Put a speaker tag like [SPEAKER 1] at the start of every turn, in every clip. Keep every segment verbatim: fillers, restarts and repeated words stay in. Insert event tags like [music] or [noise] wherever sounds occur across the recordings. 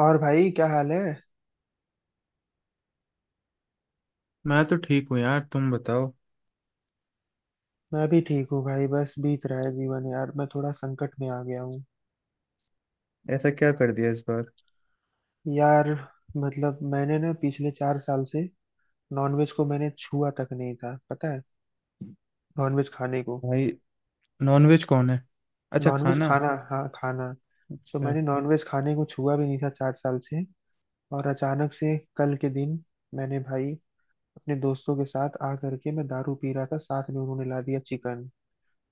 [SPEAKER 1] और भाई क्या हाल है?
[SPEAKER 2] मैं तो ठीक हूँ यार, तुम बताओ।
[SPEAKER 1] मैं भी ठीक हूँ भाई। बस बीत रहा है जीवन यार। मैं थोड़ा संकट में आ गया हूँ।
[SPEAKER 2] ऐसा क्या कर दिया इस बार?
[SPEAKER 1] यार मतलब मैंने ना पिछले चार साल से नॉनवेज को मैंने छुआ तक नहीं था, पता है? नॉनवेज खाने को,
[SPEAKER 2] भाई, नॉनवेज कौन है? अच्छा,
[SPEAKER 1] नॉनवेज
[SPEAKER 2] खाना।
[SPEAKER 1] खाना, हाँ खाना। तो
[SPEAKER 2] अच्छा।
[SPEAKER 1] मैंने नॉनवेज खाने को छुआ भी नहीं था चार साल से। और अचानक से कल के दिन मैंने भाई अपने दोस्तों के साथ आ करके मैं दारू पी रहा था, साथ में उन्होंने ला दिया चिकन।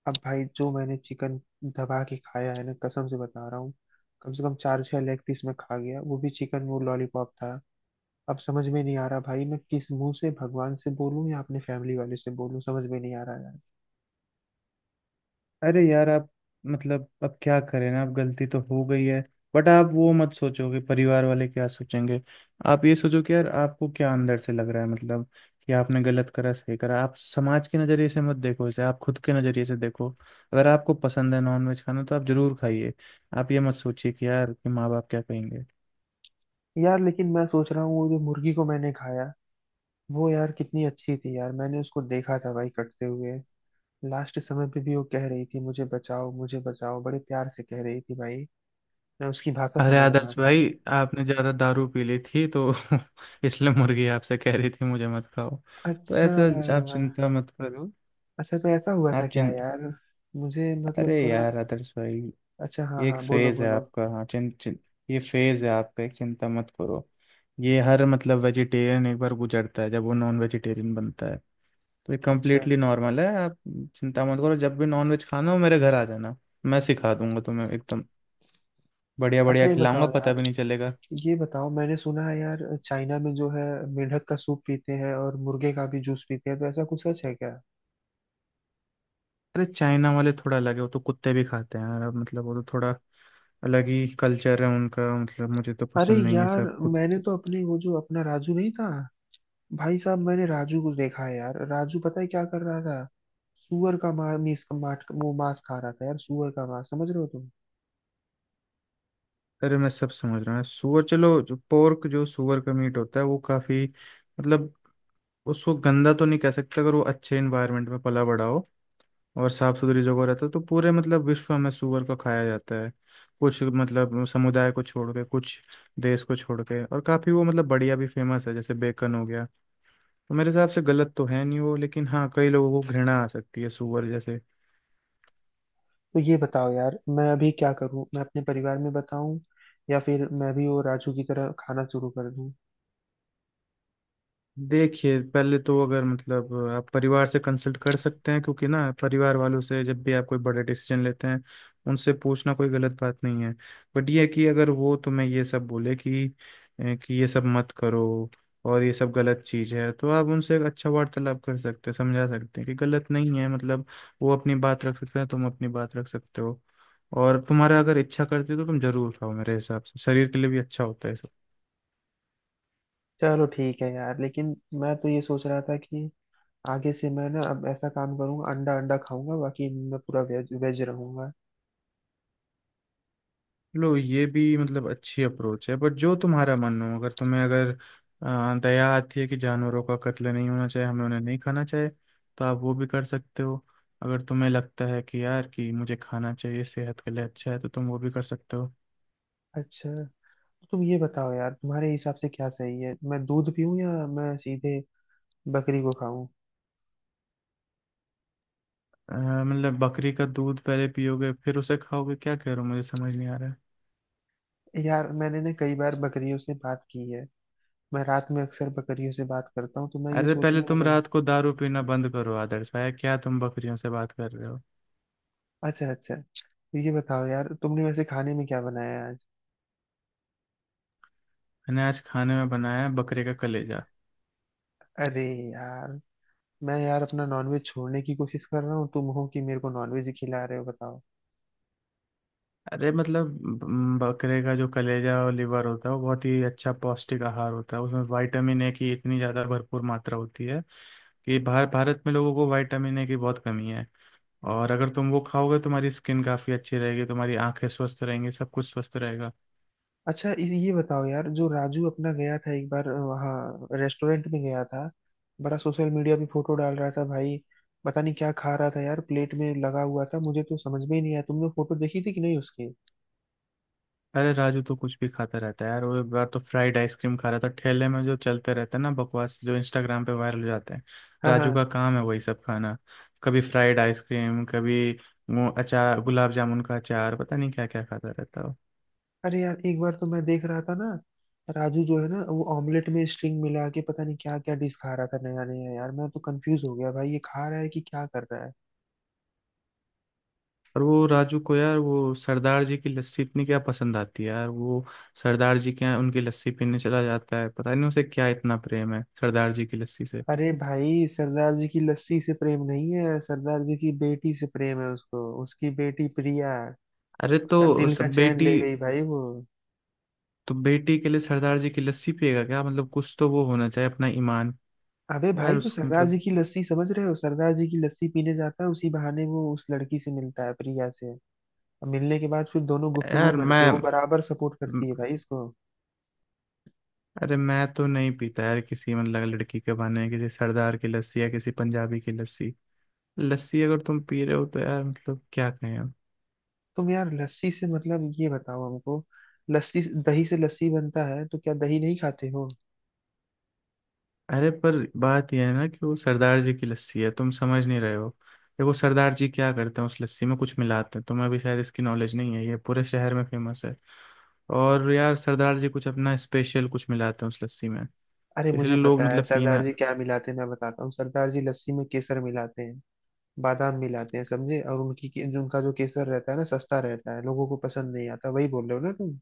[SPEAKER 1] अब भाई जो मैंने चिकन दबा के खाया है ना, कसम से बता रहा हूँ। कम से कम चार छह लेग पीस मैं खा गया, वो भी चिकन, वो लॉलीपॉप था। अब समझ में नहीं आ रहा भाई, मैं किस मुंह से भगवान से बोलूं या अपने फैमिली वाले से बोलूं, समझ में नहीं आ रहा यार।
[SPEAKER 2] अरे यार, आप मतलब अब क्या करें ना, अब गलती तो हो गई है। बट आप वो मत सोचो कि परिवार वाले क्या सोचेंगे। आप ये सोचो कि यार आपको क्या अंदर से लग रहा है, मतलब कि आपने गलत करा सही करा। आप समाज के नज़रिए से मत देखो इसे, आप खुद के नज़रिए से देखो। अगर आपको पसंद है नॉनवेज खाना तो आप जरूर खाइए। आप ये मत सोचिए कि यार कि माँ बाप क्या कहेंगे।
[SPEAKER 1] यार लेकिन मैं सोच रहा हूँ, वो जो मुर्गी को मैंने खाया, वो यार कितनी अच्छी थी यार। मैंने उसको देखा था भाई कटते हुए। लास्ट समय पे भी वो कह रही थी मुझे बचाओ मुझे बचाओ, बड़े प्यार से कह रही थी भाई। मैं उसकी भाषा
[SPEAKER 2] अरे
[SPEAKER 1] समझ रहा
[SPEAKER 2] आदर्श
[SPEAKER 1] था।
[SPEAKER 2] भाई, आपने ज़्यादा दारू पी ली थी तो [laughs] इसलिए मुर्गी आपसे कह रही थी मुझे मत खाओ। तो
[SPEAKER 1] अच्छा।
[SPEAKER 2] ऐसा, आप चिंता मत करो।
[SPEAKER 1] अच्छा, तो ऐसा हुआ था
[SPEAKER 2] आप
[SPEAKER 1] क्या
[SPEAKER 2] चिं
[SPEAKER 1] यार? मुझे मतलब
[SPEAKER 2] अरे
[SPEAKER 1] थोड़ा।
[SPEAKER 2] यार आदर्श भाई,
[SPEAKER 1] अच्छा, हाँ
[SPEAKER 2] ये एक
[SPEAKER 1] हाँ, बोलो
[SPEAKER 2] फेज़ है
[SPEAKER 1] बोलो।
[SPEAKER 2] आपका। हाँ, चिं, चिं, ये फेज़ है आपका एक, चिंता मत करो। ये हर मतलब वेजिटेरियन एक बार गुजरता है जब वो नॉन वेजिटेरियन बनता है। तो ये
[SPEAKER 1] अच्छा।
[SPEAKER 2] कम्प्लीटली नॉर्मल है। आप चिंता मत करो, जब भी नॉन वेज खाना हो मेरे घर आ जाना। मैं सिखा दूंगा तुम्हें एकदम बढ़िया
[SPEAKER 1] अच्छा
[SPEAKER 2] बढ़िया
[SPEAKER 1] ये
[SPEAKER 2] खिलाऊंगा,
[SPEAKER 1] बताओ
[SPEAKER 2] पता
[SPEAKER 1] यार,
[SPEAKER 2] भी नहीं चलेगा।
[SPEAKER 1] ये बताओ, मैंने सुना है यार चाइना में जो है, मेंढक का सूप पीते हैं और मुर्गे का भी जूस पीते हैं, तो ऐसा कुछ सच है क्या?
[SPEAKER 2] अरे चाइना वाले थोड़ा अलग है, वो तो कुत्ते भी खाते हैं यार। अब मतलब वो तो थोड़ा अलग ही कल्चर है उनका, मतलब मुझे तो
[SPEAKER 1] अरे
[SPEAKER 2] पसंद नहीं है
[SPEAKER 1] यार,
[SPEAKER 2] सब कुछ।
[SPEAKER 1] मैंने तो अपने, वो जो अपना राजू नहीं था, भाई साहब मैंने राजू को देखा है यार। राजू पता है क्या कर रहा था? सुअर का मा, मीस, माट, वो मांस खा रहा था यार। सुअर का मांस, समझ रहे हो तुम?
[SPEAKER 2] अरे मैं सब समझ रहा हूँ। सूअर, चलो जो पोर्क जो सूअर का मीट होता है वो काफ़ी मतलब उसको गंदा तो नहीं कह सकते, अगर वो अच्छे इन्वायरमेंट में पला बड़ा हो और साफ सुथरी जगह रहता है तो पूरे मतलब विश्व में सूअर को खाया जाता है। कुछ मतलब समुदाय को छोड़ के, कुछ देश को छोड़ के, और काफ़ी वो मतलब बढ़िया भी फेमस है जैसे बेकन हो गया। तो मेरे हिसाब से गलत तो है नहीं वो, लेकिन हाँ कई लोगों को घृणा आ सकती है सुअर जैसे।
[SPEAKER 1] तो ये बताओ यार, मैं अभी क्या करूं? मैं अपने परिवार में बताऊं, या फिर मैं भी वो राजू की तरह खाना शुरू कर दूं?
[SPEAKER 2] देखिए पहले तो अगर मतलब आप परिवार से कंसल्ट कर सकते हैं, क्योंकि ना परिवार वालों से जब भी आप कोई बड़े डिसीजन लेते हैं उनसे पूछना कोई गलत बात नहीं है। बट ये है कि अगर वो तुम्हें ये सब बोले कि ए, कि ये सब मत करो और ये सब गलत चीज़ है, तो आप उनसे एक अच्छा वार्तालाप कर सकते हैं, समझा सकते हैं कि गलत नहीं है। मतलब, वो अपनी बात रख सकते हैं, तुम अपनी बात रख सकते हो। और तुम्हारा अगर इच्छा करती है तो तुम जरूर खाओ, मेरे हिसाब से शरीर के लिए भी अच्छा होता है।
[SPEAKER 1] चलो ठीक है यार, लेकिन मैं तो ये सोच रहा था कि आगे से मैं ना अब ऐसा काम करूंगा, अंडा अंडा खाऊंगा, बाकी मैं पूरा वेज वेज रहूंगा।
[SPEAKER 2] लो, ये भी मतलब अच्छी अप्रोच है। बट जो तुम्हारा मन हो, अगर तुम्हें अगर अ, दया आती है कि जानवरों का कत्ल नहीं होना चाहिए, हमें उन्हें नहीं खाना चाहिए, तो आप वो भी कर सकते हो। अगर तुम्हें लगता है कि यार कि मुझे खाना चाहिए सेहत के लिए अच्छा है तो तुम वो भी कर सकते हो।
[SPEAKER 1] अच्छा, तो तुम ये बताओ यार, तुम्हारे हिसाब से क्या सही है? मैं दूध पीऊं, या मैं सीधे बकरी को खाऊं?
[SPEAKER 2] अ, मतलब बकरी का दूध पहले पियोगे फिर उसे खाओगे? क्या कह रहे हो, मुझे समझ नहीं आ रहा है।
[SPEAKER 1] यार मैंने ना कई बार बकरियों से बात की है। मैं रात में अक्सर बकरियों से बात करता हूँ, तो मैं ये
[SPEAKER 2] अरे पहले
[SPEAKER 1] सोचने में
[SPEAKER 2] तुम
[SPEAKER 1] लग।
[SPEAKER 2] रात को दारू पीना बंद करो आदर्श भाई, क्या तुम बकरियों से बात कर रहे हो?
[SPEAKER 1] अच्छा, अच्छा तो ये बताओ यार, तुमने वैसे खाने में क्या बनाया आज?
[SPEAKER 2] मैंने आज खाने में बनाया है बकरे का कलेजा।
[SPEAKER 1] अरे यार, मैं यार अपना नॉनवेज छोड़ने की कोशिश कर रहा हूँ, तुम हो कि मेरे को नॉनवेज ही खिला रहे हो, बताओ।
[SPEAKER 2] अरे मतलब ब- बकरे का जो कलेजा और लिवर होता है वो बहुत ही अच्छा पौष्टिक आहार होता है, उसमें विटामिन ए की इतनी ज़्यादा भरपूर मात्रा होती है कि भार भारत में लोगों को विटामिन ए की बहुत कमी है। और अगर तुम वो खाओगे, तुम्हारी स्किन काफ़ी अच्छी रहेगी, तुम्हारी आंखें स्वस्थ रहेंगी, सब कुछ स्वस्थ रहेगा।
[SPEAKER 1] अच्छा, ये ये बताओ यार, जो राजू अपना गया था एक बार, वहाँ रेस्टोरेंट में गया था, बड़ा सोशल मीडिया पे फोटो डाल रहा था भाई। पता नहीं क्या खा रहा था यार, प्लेट में लगा हुआ था, मुझे तो समझ में ही नहीं आया, तुमने फोटो देखी थी कि नहीं उसकी?
[SPEAKER 2] अरे राजू तो कुछ भी खाता रहता है यार। वो एक बार तो फ्राइड आइसक्रीम खा रहा था, ठेले में जो चलते रहते हैं ना बकवास, जो इंस्टाग्राम पे वायरल हो जाते हैं।
[SPEAKER 1] हाँ हाँ।
[SPEAKER 2] राजू का काम है वही सब खाना। कभी फ्राइड आइसक्रीम, कभी वो अचार, गुलाब जामुन का अचार, पता नहीं क्या क्या खाता रहता है वो।
[SPEAKER 1] अरे यार एक बार तो मैं देख रहा था ना, राजू जो है ना, वो ऑमलेट में स्ट्रिंग मिला के पता नहीं क्या क्या डिश खा रहा था नया नया, यार मैं तो कंफ्यूज हो गया भाई, ये खा रहा है कि क्या कर रहा है?
[SPEAKER 2] और वो राजू को यार वो सरदार जी की लस्सी इतनी क्या पसंद आती है यार, वो सरदार जी के यहाँ उनकी लस्सी पीने चला जाता है। पता नहीं उसे क्या इतना प्रेम है सरदार जी की लस्सी से।
[SPEAKER 1] अरे भाई, सरदार जी की लस्सी से प्रेम नहीं है, सरदार जी की बेटी से प्रेम है उसको, उसकी बेटी प्रिया
[SPEAKER 2] अरे तो
[SPEAKER 1] उसका दिल
[SPEAKER 2] उस
[SPEAKER 1] का चैन
[SPEAKER 2] बेटी,
[SPEAKER 1] ले गई भाई वो।
[SPEAKER 2] तो बेटी के लिए सरदार जी की लस्सी पिएगा क्या? मतलब कुछ तो वो होना चाहिए अपना ईमान।
[SPEAKER 1] अबे
[SPEAKER 2] यार
[SPEAKER 1] भाई, तो
[SPEAKER 2] उस
[SPEAKER 1] सरदार जी
[SPEAKER 2] मतलब
[SPEAKER 1] की लस्सी, समझ रहे हो? सरदार जी की लस्सी पीने जाता है, उसी बहाने वो उस लड़की से मिलता है, प्रिया से। और मिलने के बाद फिर दोनों गुफ्तगू
[SPEAKER 2] यार
[SPEAKER 1] करते
[SPEAKER 2] मैं
[SPEAKER 1] हैं, वो बराबर सपोर्ट
[SPEAKER 2] म-
[SPEAKER 1] करती है भाई इसको।
[SPEAKER 2] अरे मैं तो नहीं पीता यार किसी मतलब लड़की के बहाने किसी सरदार की लस्सी या किसी पंजाबी की लस्सी। लस्सी अगर तुम पी रहे हो तो यार मतलब क्या कहें हम।
[SPEAKER 1] तुम यार लस्सी से मतलब, ये बताओ हमको, लस्सी दही से लस्सी बनता है, तो क्या दही नहीं खाते हो?
[SPEAKER 2] अरे पर बात यह है ना कि वो सरदार जी की लस्सी है, तुम समझ नहीं रहे हो। देखो सरदार जी क्या करते हैं उस लस्सी में कुछ मिलाते हैं, तुम्हें भी शायद इसकी नॉलेज नहीं है, ये पूरे शहर में फेमस है। और यार सरदार जी कुछ अपना स्पेशल कुछ मिलाते हैं उस लस्सी में,
[SPEAKER 1] अरे मुझे
[SPEAKER 2] इसलिए लोग
[SPEAKER 1] पता है
[SPEAKER 2] मतलब
[SPEAKER 1] सरदार
[SPEAKER 2] पीना।
[SPEAKER 1] जी क्या मिलाते हैं, मैं बताता हूँ। सरदार जी लस्सी में केसर मिलाते हैं, बादाम मिलाते हैं, समझे? और उनकी के- जो उनका जो केसर रहता है ना, सस्ता रहता है, लोगों को पसंद नहीं आता, वही बोल रहे हो ना तुम?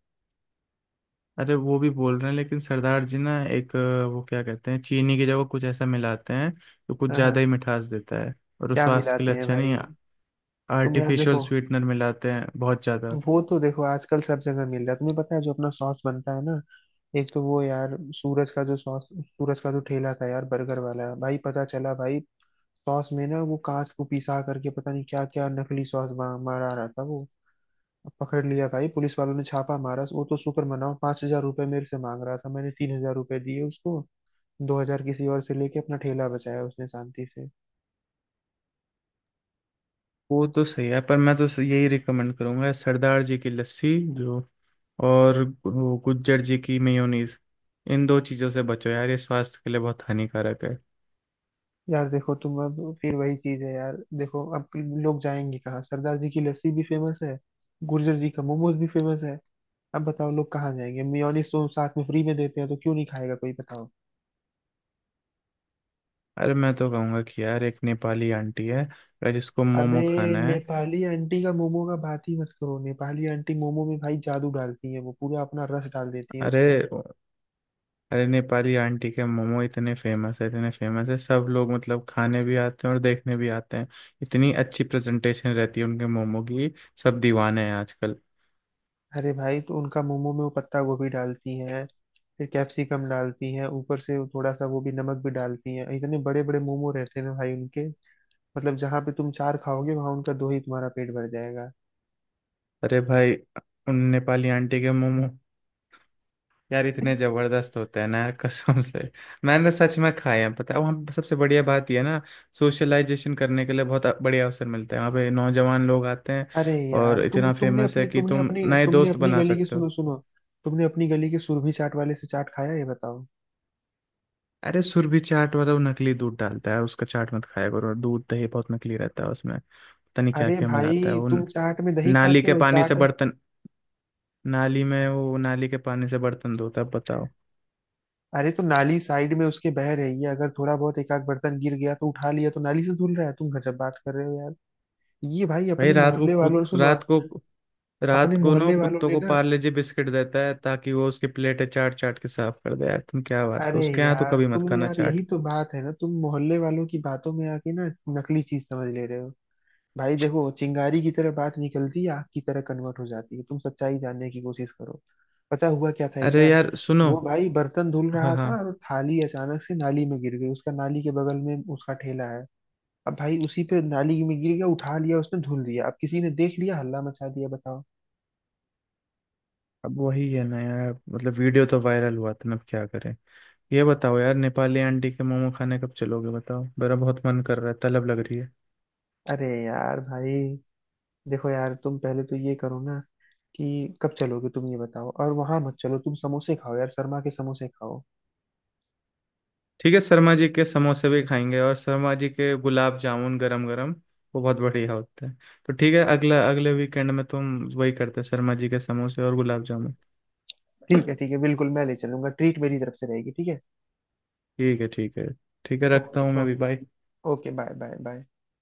[SPEAKER 2] अरे वो भी बोल रहे हैं, लेकिन सरदार जी ना एक अ, वो क्या कहते हैं, चीनी की जगह कुछ ऐसा मिलाते हैं जो कुछ
[SPEAKER 1] हाँ
[SPEAKER 2] ज़्यादा ही
[SPEAKER 1] हाँ।
[SPEAKER 2] मिठास देता है, और वो
[SPEAKER 1] क्या
[SPEAKER 2] स्वास्थ्य के
[SPEAKER 1] मिलाते
[SPEAKER 2] लिए
[SPEAKER 1] हैं
[SPEAKER 2] अच्छा नहीं
[SPEAKER 1] भाई?
[SPEAKER 2] है।
[SPEAKER 1] तुम यार
[SPEAKER 2] आर्टिफिशियल
[SPEAKER 1] देखो,
[SPEAKER 2] स्वीटनर मिलाते हैं बहुत ज़्यादा।
[SPEAKER 1] वो तो देखो आजकल सब जगह मिल रहा है, तुम्हें पता है जो अपना सॉस बनता है ना, एक तो वो यार सूरज का जो सॉस, सूरज का जो ठेला था यार बर्गर वाला भाई, पता चला भाई सॉस में ना वो कांच को पिसा करके पता नहीं क्या क्या नकली सॉस बा- मारा रहा था वो। अब पकड़ लिया भाई, पुलिस वालों ने छापा मारा, वो तो शुक्र मनाओ। पांच हजार रुपये मेरे से मांग रहा था, मैंने तीन हजार रुपये दिए उसको, दो हजार किसी और से लेके अपना ठेला बचाया उसने शांति से।
[SPEAKER 2] वो तो सही है, पर मैं तो यही रिकमेंड करूंगा सरदार जी की लस्सी जो, और वो गुज्जर जी की मेयोनीज, इन दो चीज़ों से बचो यार, ये स्वास्थ्य के लिए बहुत हानिकारक है।
[SPEAKER 1] यार देखो, तुम अब फिर वही चीज है यार, देखो अब लोग जाएंगे कहाँ? सरदार जी की लस्सी भी फेमस है, गुर्जर जी का मोमोज भी फेमस है, अब बताओ लोग कहाँ जाएंगे? मियोनिस तो साथ में फ्री में देते हैं, तो क्यों नहीं खाएगा कोई, बताओ।
[SPEAKER 2] अरे मैं तो कहूँगा कि यार एक नेपाली आंटी है अगर जिसको
[SPEAKER 1] अबे,
[SPEAKER 2] मोमो खाना है।
[SPEAKER 1] नेपाली आंटी का मोमो का बात ही मत करो, नेपाली आंटी मोमो में भाई जादू डालती है, वो पूरा अपना रस डाल देती है उसमें।
[SPEAKER 2] अरे, अरे नेपाली आंटी के मोमो इतने फेमस है, इतने फेमस है, सब लोग मतलब खाने भी आते हैं और देखने भी आते हैं। इतनी अच्छी प्रेजेंटेशन रहती है उनके मोमो की, सब दीवाने हैं आजकल।
[SPEAKER 1] अरे भाई, तो उनका मोमो में वो पत्ता गोभी डालती हैं, फिर कैप्सिकम डालती हैं ऊपर से, वो थोड़ा सा वो भी नमक भी डालती हैं। इतने बड़े बड़े मोमो रहते हैं ना भाई उनके, मतलब जहाँ पे तुम चार खाओगे वहां उनका दो ही तुम्हारा पेट भर जाएगा।
[SPEAKER 2] अरे भाई उन नेपाली आंटी के मोमो यार इतने जबरदस्त होते हैं ना यार, कसम से मैंने सच में खाए हैं। पता है वहाँ पे सबसे बढ़िया बात यह है ना, सोशलाइजेशन करने के लिए बहुत बढ़िया अवसर मिलता है, वहाँ पे नौजवान लोग आते हैं
[SPEAKER 1] अरे यार
[SPEAKER 2] और
[SPEAKER 1] तुम
[SPEAKER 2] इतना
[SPEAKER 1] तुमने
[SPEAKER 2] फेमस है
[SPEAKER 1] अपने
[SPEAKER 2] कि
[SPEAKER 1] तुमने
[SPEAKER 2] तुम
[SPEAKER 1] अपनी
[SPEAKER 2] नए
[SPEAKER 1] तुमने
[SPEAKER 2] दोस्त
[SPEAKER 1] अपनी
[SPEAKER 2] बना
[SPEAKER 1] गली के
[SPEAKER 2] सकते
[SPEAKER 1] सुनो
[SPEAKER 2] हो।
[SPEAKER 1] सुनो, तुमने अपनी गली के सुरभि चाट वाले से चाट खाया, ये बताओ?
[SPEAKER 2] अरे सुरभि चाट वाला वो नकली दूध डालता है, उसका चाट मत खाया करो। और दूध दही बहुत नकली रहता है, उसमें पता नहीं क्या
[SPEAKER 1] अरे
[SPEAKER 2] क्या
[SPEAKER 1] भाई,
[SPEAKER 2] मिलाता है वो।
[SPEAKER 1] तुम
[SPEAKER 2] न-
[SPEAKER 1] चाट में दही
[SPEAKER 2] नाली
[SPEAKER 1] खाते
[SPEAKER 2] के
[SPEAKER 1] हो,
[SPEAKER 2] पानी से
[SPEAKER 1] चाट।
[SPEAKER 2] बर्तन, नाली में, वो नाली के पानी से बर्तन धोता है, बताओ।
[SPEAKER 1] अरे तो नाली साइड में उसके बह रही है, अगर थोड़ा बहुत एक आध बर्तन गिर गया तो उठा लिया तो नाली से धुल रहा है, तुम गजब बात कर रहे हो यार। ये भाई
[SPEAKER 2] भाई
[SPEAKER 1] अपने
[SPEAKER 2] रात को
[SPEAKER 1] मोहल्ले वालों
[SPEAKER 2] कुत,
[SPEAKER 1] ने सुनो,
[SPEAKER 2] रात को रात
[SPEAKER 1] अपने
[SPEAKER 2] को ना
[SPEAKER 1] मोहल्ले
[SPEAKER 2] वो
[SPEAKER 1] वालों
[SPEAKER 2] कुत्तों
[SPEAKER 1] ने
[SPEAKER 2] को
[SPEAKER 1] ना,
[SPEAKER 2] पार्ले जी बिस्किट देता है ताकि वो उसकी प्लेटें चाट चाट के साफ कर दे। यार तुम क्या बात करो,
[SPEAKER 1] अरे
[SPEAKER 2] उसके यहाँ तो
[SPEAKER 1] यार
[SPEAKER 2] कभी मत
[SPEAKER 1] तुम
[SPEAKER 2] खाना
[SPEAKER 1] यार,
[SPEAKER 2] चाट।
[SPEAKER 1] यही तो बात है ना, तुम मोहल्ले वालों की बातों में आके ना नकली चीज समझ ले रहे हो। भाई देखो, चिंगारी की तरह बात निकलती है, आग की तरह कन्वर्ट हो जाती है, तुम सच्चाई जानने की कोशिश करो। पता हुआ क्या था एक
[SPEAKER 2] अरे
[SPEAKER 1] बार?
[SPEAKER 2] यार सुनो।
[SPEAKER 1] वो भाई बर्तन धुल
[SPEAKER 2] हाँ
[SPEAKER 1] रहा
[SPEAKER 2] हाँ।
[SPEAKER 1] था और थाली अचानक से नाली में गिर गई, उसका नाली के बगल में उसका ठेला है। अब भाई उसी पे नाली में गिर गया, उठा लिया उसने धुल दिया, अब किसी ने देख लिया हल्ला मचा दिया, बताओ।
[SPEAKER 2] अब वही है ना यार, मतलब वीडियो तो वायरल हुआ था ना, अब क्या करें। ये बताओ यार, नेपाली आंटी के मोमो खाने कब चलोगे बताओ, मेरा बहुत मन कर रहा है, तलब लग रही है।
[SPEAKER 1] अरे यार भाई, देखो यार, तुम पहले तो ये करो ना कि कब चलोगे, तुम ये बताओ, और वहां मत चलो, तुम समोसे खाओ यार, शर्मा के समोसे खाओ।
[SPEAKER 2] ठीक है, शर्मा जी के समोसे भी खाएंगे और शर्मा जी के गुलाब जामुन गरम गरम, वो बहुत बढ़िया होता है। तो ठीक है, अगला अगले वीकेंड में तुम वही करते हैं, शर्मा जी के समोसे और गुलाब जामुन।
[SPEAKER 1] ठीक है ठीक है, बिल्कुल मैं ले चलूंगा, ट्रीट मेरी तरफ से रहेगी, ठीक है?
[SPEAKER 2] ठीक है, ठीक है। ठीक है, रखता
[SPEAKER 1] ओके
[SPEAKER 2] हूँ मैं अभी,
[SPEAKER 1] okay,
[SPEAKER 2] bye.
[SPEAKER 1] Okay bye bye bye.